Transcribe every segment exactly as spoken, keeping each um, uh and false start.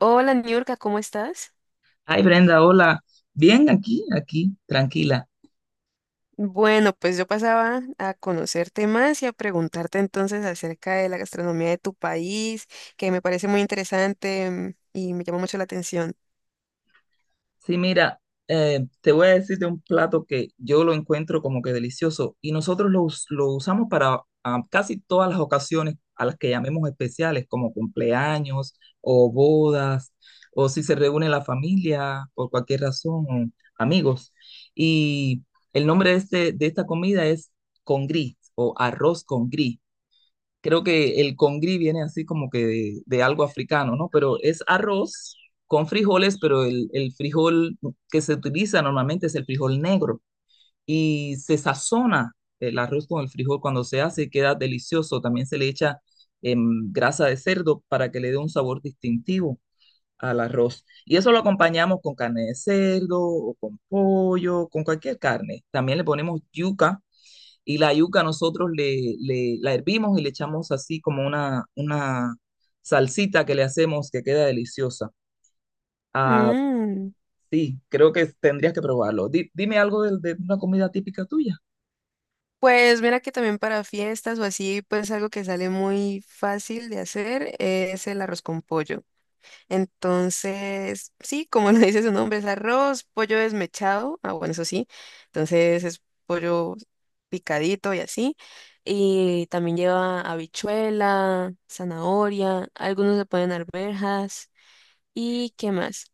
Hola, Niurka, ¿cómo estás? Ay, Brenda, hola. Bien, aquí, aquí, tranquila. Bueno, pues yo pasaba a conocerte más y a preguntarte entonces acerca de la gastronomía de tu país, que me parece muy interesante mm, y me llama mucho la atención. Sí, mira, eh, te voy a decir de un plato que yo lo encuentro como que delicioso y nosotros lo, us- lo usamos para ah, casi todas las ocasiones a las que llamemos especiales, como cumpleaños o bodas, o si se reúne la familia por cualquier razón, o amigos. Y el nombre de, este- de esta comida es con gris o arroz con gris. Creo que el congri viene así como que de, de algo africano, ¿no? Pero es arroz con frijoles, pero el, el frijol que se utiliza normalmente es el frijol negro y se sazona el arroz con el frijol cuando se hace y queda delicioso. También se le echa em, grasa de cerdo para que le dé un sabor distintivo al arroz. Y eso lo acompañamos con carne de cerdo o con pollo, con cualquier carne. También le ponemos yuca y la yuca nosotros le, le- la hervimos y le echamos así como una, una salsita que le hacemos que queda deliciosa. Ah, Mm, sí, creo que tendrías que probarlo. Di- dime algo de, de una comida típica tuya. pues mira que también para fiestas o así, pues algo que sale muy fácil de hacer es el arroz con pollo. Entonces, sí, como lo dice su nombre, es arroz, pollo desmechado. Ah, bueno, eso sí. Entonces es pollo picadito y así. Y también lleva habichuela, zanahoria, algunos le ponen arvejas. ¿Y qué más?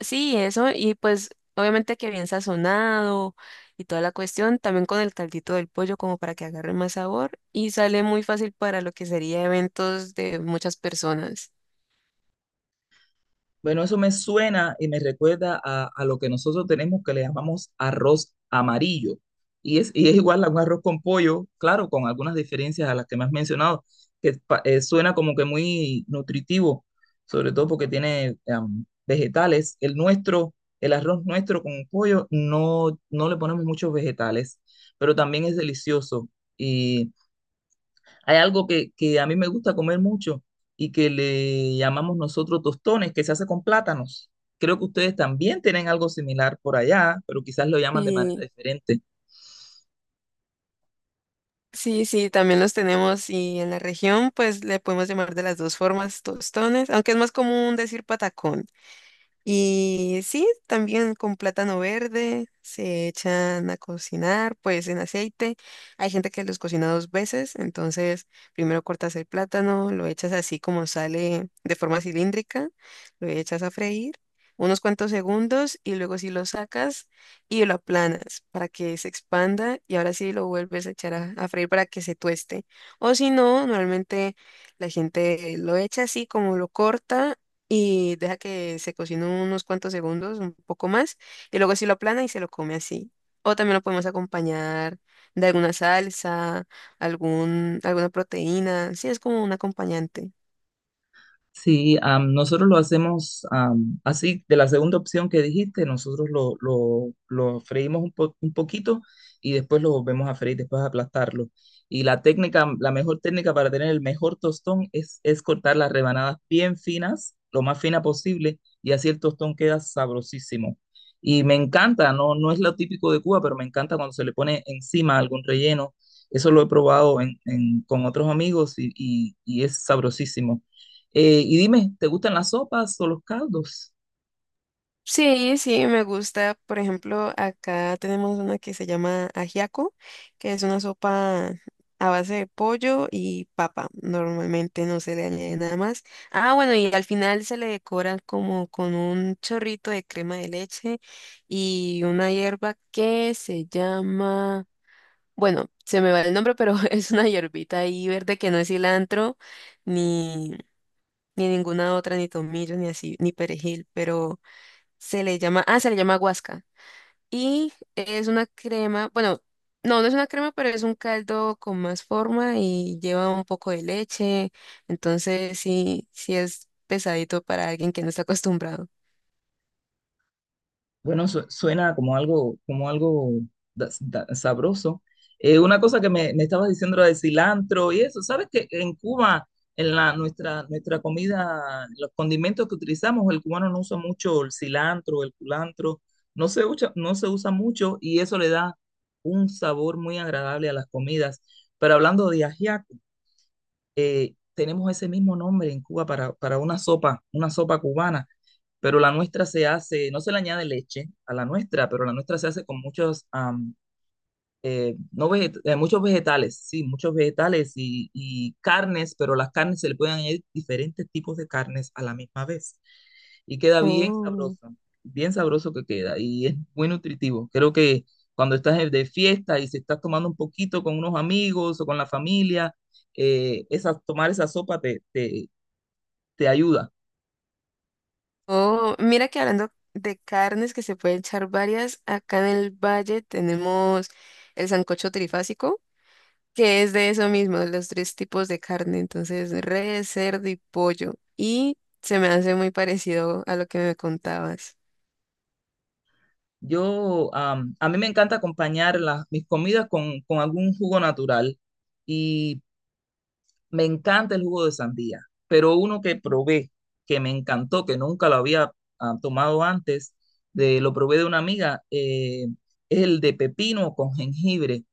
Sí, eso. Y pues obviamente que bien sazonado y toda la cuestión, también con el caldito del pollo como para que agarre más sabor. Y sale muy fácil para lo que sería eventos de muchas personas. Bueno, eso me suena y me recuerda a, a lo que nosotros tenemos que le llamamos arroz amarillo. Y es, y es igual a un arroz con pollo, claro, con algunas diferencias a las que me has mencionado, que pa- eh, suena como que muy nutritivo, sobre todo porque tiene am, vegetales. El nuestro, el arroz nuestro con pollo, no, no le ponemos muchos vegetales, pero también es delicioso. Hay algo que, que a mí me gusta comer mucho y que le llamamos nosotros tostones, que se hace con plátanos. Creo que ustedes también tienen algo similar por allá, pero quizás lo llaman de manera Sí. diferente. Sí, sí, también los tenemos y en la región pues le podemos llamar de las dos formas tostones, aunque es más común decir patacón. Y sí, también con plátano verde se echan a cocinar, pues en aceite. Hay gente que los cocina dos veces, entonces primero cortas el plátano, lo echas así como sale de forma cilíndrica, lo echas a freír unos cuantos segundos y luego sí lo sacas y lo aplanas para que se expanda y ahora sí lo vuelves a echar a, a freír para que se tueste. O si no, normalmente la gente lo echa así como lo corta y deja que se cocine unos cuantos segundos, un poco más, y luego sí lo aplana y se lo come así. O también lo podemos acompañar de alguna salsa, algún, alguna proteína, sí, es como un acompañante. Sí, am, nosotros lo hacemos am, así, de la segunda opción que dijiste, nosotros lo, lo, lo freímos un, po- un poquito y después lo volvemos a freír, después aplastarlo. Y la técnica, la mejor técnica para tener el mejor tostón es, es cortar las rebanadas bien finas, lo más fina posible, y así el tostón queda sabrosísimo. Y me encanta, no, no es lo típico de Cuba, pero me encanta cuando se le pone encima algún relleno. Eso lo he probado en- en- con otros amigos y, y y es sabrosísimo. Eh, y dime, ¿te gustan las sopas o los caldos? Sí, sí, me gusta. Por ejemplo, acá tenemos una que se llama ajiaco, que es una sopa a base de pollo y papa. Normalmente no se le añade nada más. Ah, bueno, y al final se le decora como con un chorrito de crema de leche y una hierba que se llama, bueno, se me va el nombre, pero es una hierbita ahí verde que no es cilantro, ni, ni ninguna otra, ni tomillo, ni así, ni perejil, pero... Se le llama, ah, se le llama guasca. Y es una crema, bueno, no, no es una crema, pero es un caldo con más forma y lleva un poco de leche. Entonces, sí, sí es pesadito para alguien que no está acostumbrado. Bueno, su- suena como algo, como algo da- da- sabroso. Eh, una cosa que me, me estabas diciendo era de cilantro y eso. ¿Sabes que en Cuba, en la, nuestra, nuestra comida, los condimentos que utilizamos, el cubano no usa mucho el cilantro, el culantro, no se usa, no se usa mucho y eso le da un sabor muy agradable a las comidas. Pero hablando de ajiaco, eh, tenemos ese mismo nombre en Cuba para, para una sopa, una sopa cubana, pero la nuestra se hace, no se le añade leche a la nuestra, pero la nuestra se hace con muchos, am, eh, no veget- eh, muchos vegetales, sí, muchos vegetales y, y carnes, pero las carnes se le pueden añadir diferentes tipos de carnes a la misma vez y queda bien Oh. sabroso, bien sabroso que queda y es muy nutritivo. Creo que cuando estás de de fiesta y se estás tomando un poquito con unos amigos o con la familia, eh, esa, tomar esa sopa te, te, te ayuda. Oh, mira que hablando de carnes que se pueden echar varias, acá en el valle tenemos el sancocho trifásico que es de eso mismo, de los tres tipos de carne, entonces res, cerdo y pollo. Y se me hace muy parecido a lo que me contabas. Yo, am, a mí me encanta acompañar las, mis comidas con, con algún jugo natural y me encanta el jugo de sandía, pero uno que probé, que me encantó, que nunca lo había ah, tomado antes, de, lo probé de una amiga, eh, es el de pepino con jengibre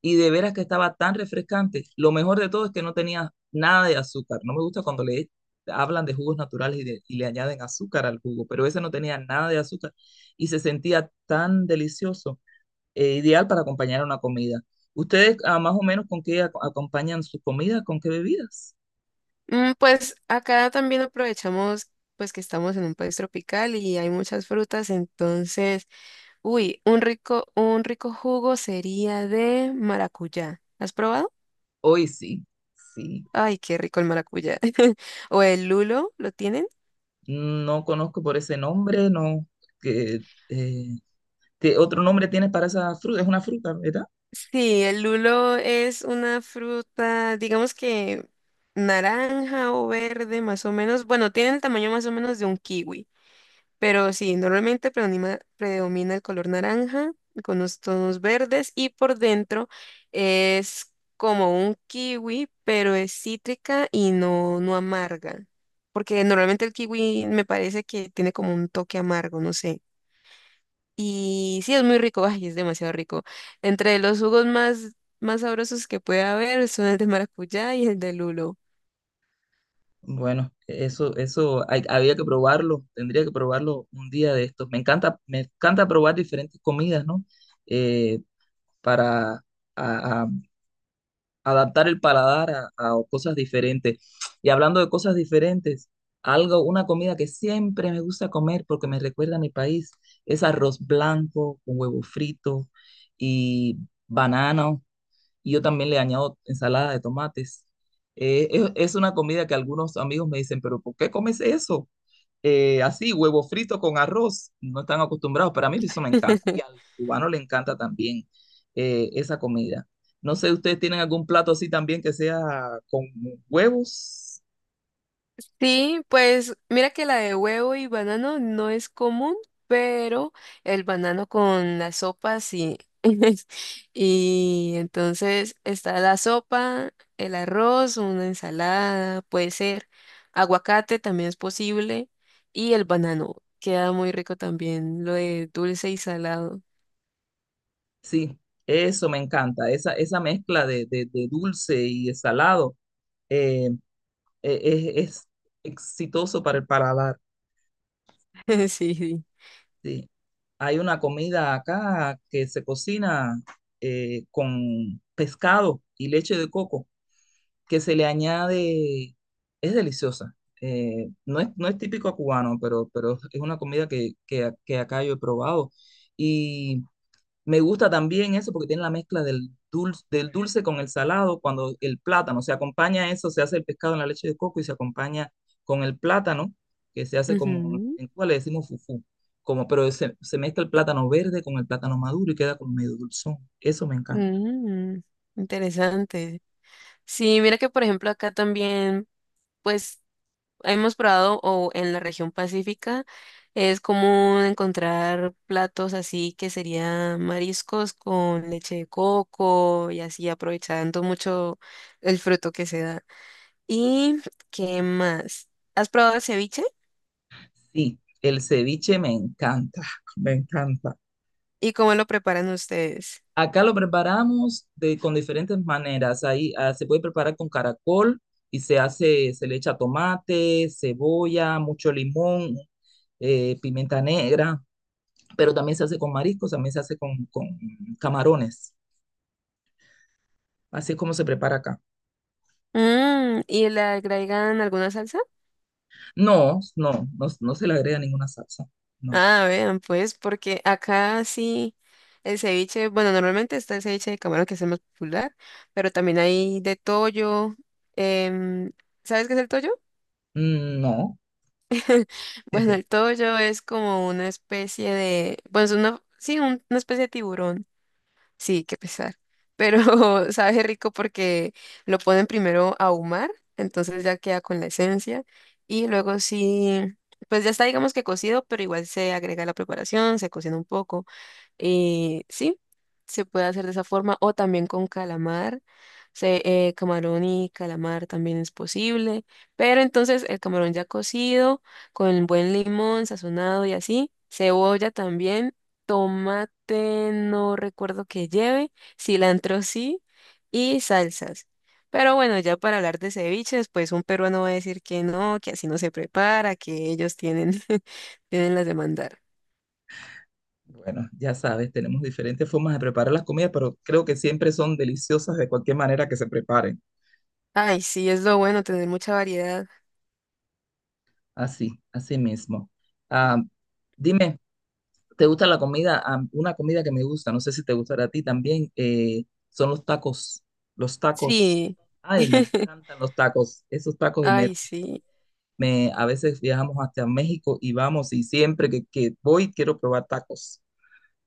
y de veras que estaba tan refrescante. Lo mejor de todo es que no tenía nada de azúcar. No me gusta cuando le hablan de jugos naturales y, de, y le añaden azúcar al jugo, pero ese no tenía nada de azúcar y se sentía tan delicioso, eh, ideal para acompañar una comida. ¿Ustedes ah, más o menos con qué ac- acompañan sus comidas? ¿Con qué bebidas? Mm, pues acá también aprovechamos pues que estamos en un país tropical y hay muchas frutas, entonces, uy, un rico, un rico jugo sería de maracuyá. ¿Has probado? Hoy sí, sí. Ay, qué rico el maracuyá. ¿O el lulo? ¿Lo tienes? No conozco por ese nombre, no. Que, eh, ¿qué otro nombre tiene para esa fruta? Es una fruta, ¿verdad? Sí, el lulo es una fruta, digamos que naranja o verde más o menos. Bueno, tiene el tamaño más o menos de un kiwi, pero sí, normalmente predomina, predomina el color naranja con los tonos verdes y por dentro es como un kiwi, pero es cítrica y no, no amarga, porque normalmente el kiwi me parece que tiene como un toque amargo, no sé. Y sí, es muy rico, ay, es demasiado rico. Entre los jugos más, más sabrosos que puede haber son el de maracuyá y el de lulo. Bueno, eso, eso hay- había que probarlo, tendría que probarlo un día de estos. Me encanta, me encanta probar diferentes comidas, ¿no? Eh, para a- a- adaptar el paladar a, a cosas diferentes. Y hablando de cosas diferentes, algo, una comida que siempre me gusta comer porque me recuerda a mi país, es arroz blanco con huevo frito y banano y yo también le añado ensalada de tomates. Eh, es, es una comida que algunos amigos me dicen, pero ¿por qué comes eso? Eh, así, huevo frito con arroz, no están acostumbrados, pero a mí eso me encanta y al cubano le encanta también eh, esa comida. No sé, ¿ustedes tienen algún plato así también que sea con huevos? Sí, pues mira que la de huevo y banano no es común, pero el banano con la sopa sí. Y entonces está la sopa, el arroz, una ensalada, puede ser aguacate también es posible y el banano. Queda muy rico también lo de dulce y salado. Sí, eso me encanta, esa, esa mezcla de, de- de dulce y de salado, eh, eh, es, es exitoso para el paladar. Sí. Sí. Hay una comida acá que se cocina eh, con pescado y leche de coco, que se le añade, es deliciosa. Eh, no es, no es típico cubano, pero, pero es una comida que, que, que acá yo he probado. Y me gusta también eso porque tiene la mezcla del dulce, del dulce con el salado, cuando el plátano se acompaña a eso, se hace el pescado en la leche de coco y se acompaña con el plátano, que se hace como, Ujú. en Cuba le decimos fufú, como, pero se, se mezcla el plátano verde con el plátano maduro y queda como medio dulzón. Eso me encanta. Mm, interesante. Sí, mira que por ejemplo acá también, pues hemos probado o en la región pacífica es común encontrar platos así que serían mariscos con leche de coco y así aprovechando mucho el fruto que se da. ¿Y qué más? ¿Has probado el ceviche? Sí, el ceviche me encanta, me encanta. ¿Y cómo lo preparan ustedes? Acá lo preparamos de, con diferentes maneras. Ahí ah, se puede preparar con caracol y se hace, se le echa tomate, cebolla, mucho limón, eh, pimienta negra, pero también se hace con mariscos, también se hace con, con camarones. Así es como se prepara acá. Mm, ¿y le agregan alguna salsa? No, no, no, no se le agrega ninguna salsa. No, Ah, vean, pues, porque acá sí el ceviche, bueno, normalmente está el ceviche de camarón que es el más popular, pero también hay de toyo. em, ¿Sabes qué es el toyo? mm, no. Bueno, el toyo es como una especie de, bueno, es una, sí, un- una especie de tiburón, sí, qué pesar, pero sabe rico porque lo ponen primero a ahumar, entonces ya queda con la esencia, y luego sí, pues ya está, digamos que cocido, pero igual se agrega la preparación, se cocina un poco. Eh, sí, se puede hacer de esa forma o también con calamar. Se, eh, camarón y calamar también es posible, pero entonces el camarón ya cocido, con buen limón sazonado y así, cebolla también, tomate no recuerdo que lleve, cilantro sí y salsas. Pero bueno, ya para hablar de ceviches, pues un peruano va a decir que no, que así no se prepara, que ellos tienen, tienen las de mandar. Bueno, ya sabes, tenemos diferentes formas de preparar las comidas, pero creo que siempre son deliciosas de cualquier manera que se preparen. Ay, sí, es lo bueno tener mucha variedad. Así, así mismo. Ah, dime, ¿te gusta la comida? Ah, una comida que me gusta, no sé si te gustará a ti también, eh, son los tacos. Los tacos. Sí. Ay, me encantan los tacos. Esos tacos y me, Ay, sí. me- a veces viajamos hasta México y vamos y siempre que, que voy quiero probar tacos.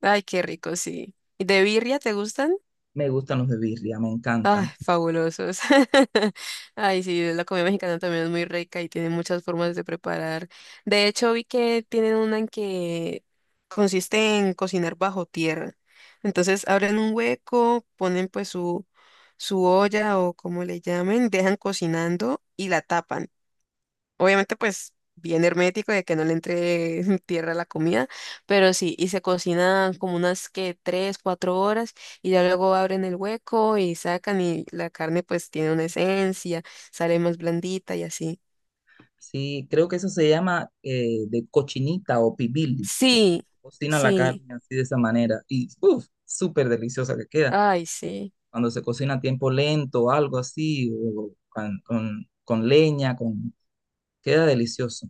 Ay, qué rico, sí. ¿Y de birria te gustan? Me gustan los de birria, me Ay, encantan. fabulosos. Ay, sí, la comida mexicana también es muy rica y tiene muchas formas de preparar. De hecho, vi que tienen una en que consiste en cocinar bajo tierra. Entonces, abren un hueco, ponen pues su, su olla o como le llamen, dejan cocinando y la tapan. Obviamente, pues bien hermético de que no le entre tierra a la comida, pero sí, y se cocina como unas que tres, cuatro horas y ya luego abren el hueco y sacan y la carne pues tiene una esencia, sale más blandita y así. Sí, creo que eso se llama eh, de cochinita o pibil. Sí, Cocina la sí, carne así de esa manera y uff, súper deliciosa que queda. ay, sí. Cuando se cocina a tiempo lento algo así, o con, con- con leña, con... queda delicioso.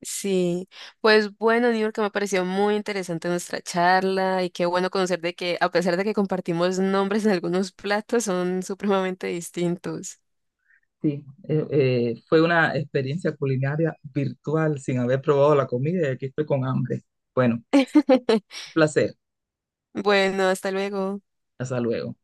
Sí, pues bueno, Niurka, que me pareció muy interesante nuestra charla y qué bueno conocer de que a pesar de que compartimos nombres en algunos platos, son supremamente distintos. Sí, eh, eh, fue una experiencia culinaria virtual sin haber probado la comida y aquí estoy con hambre. Bueno, un placer. Bueno, hasta luego. Hasta luego.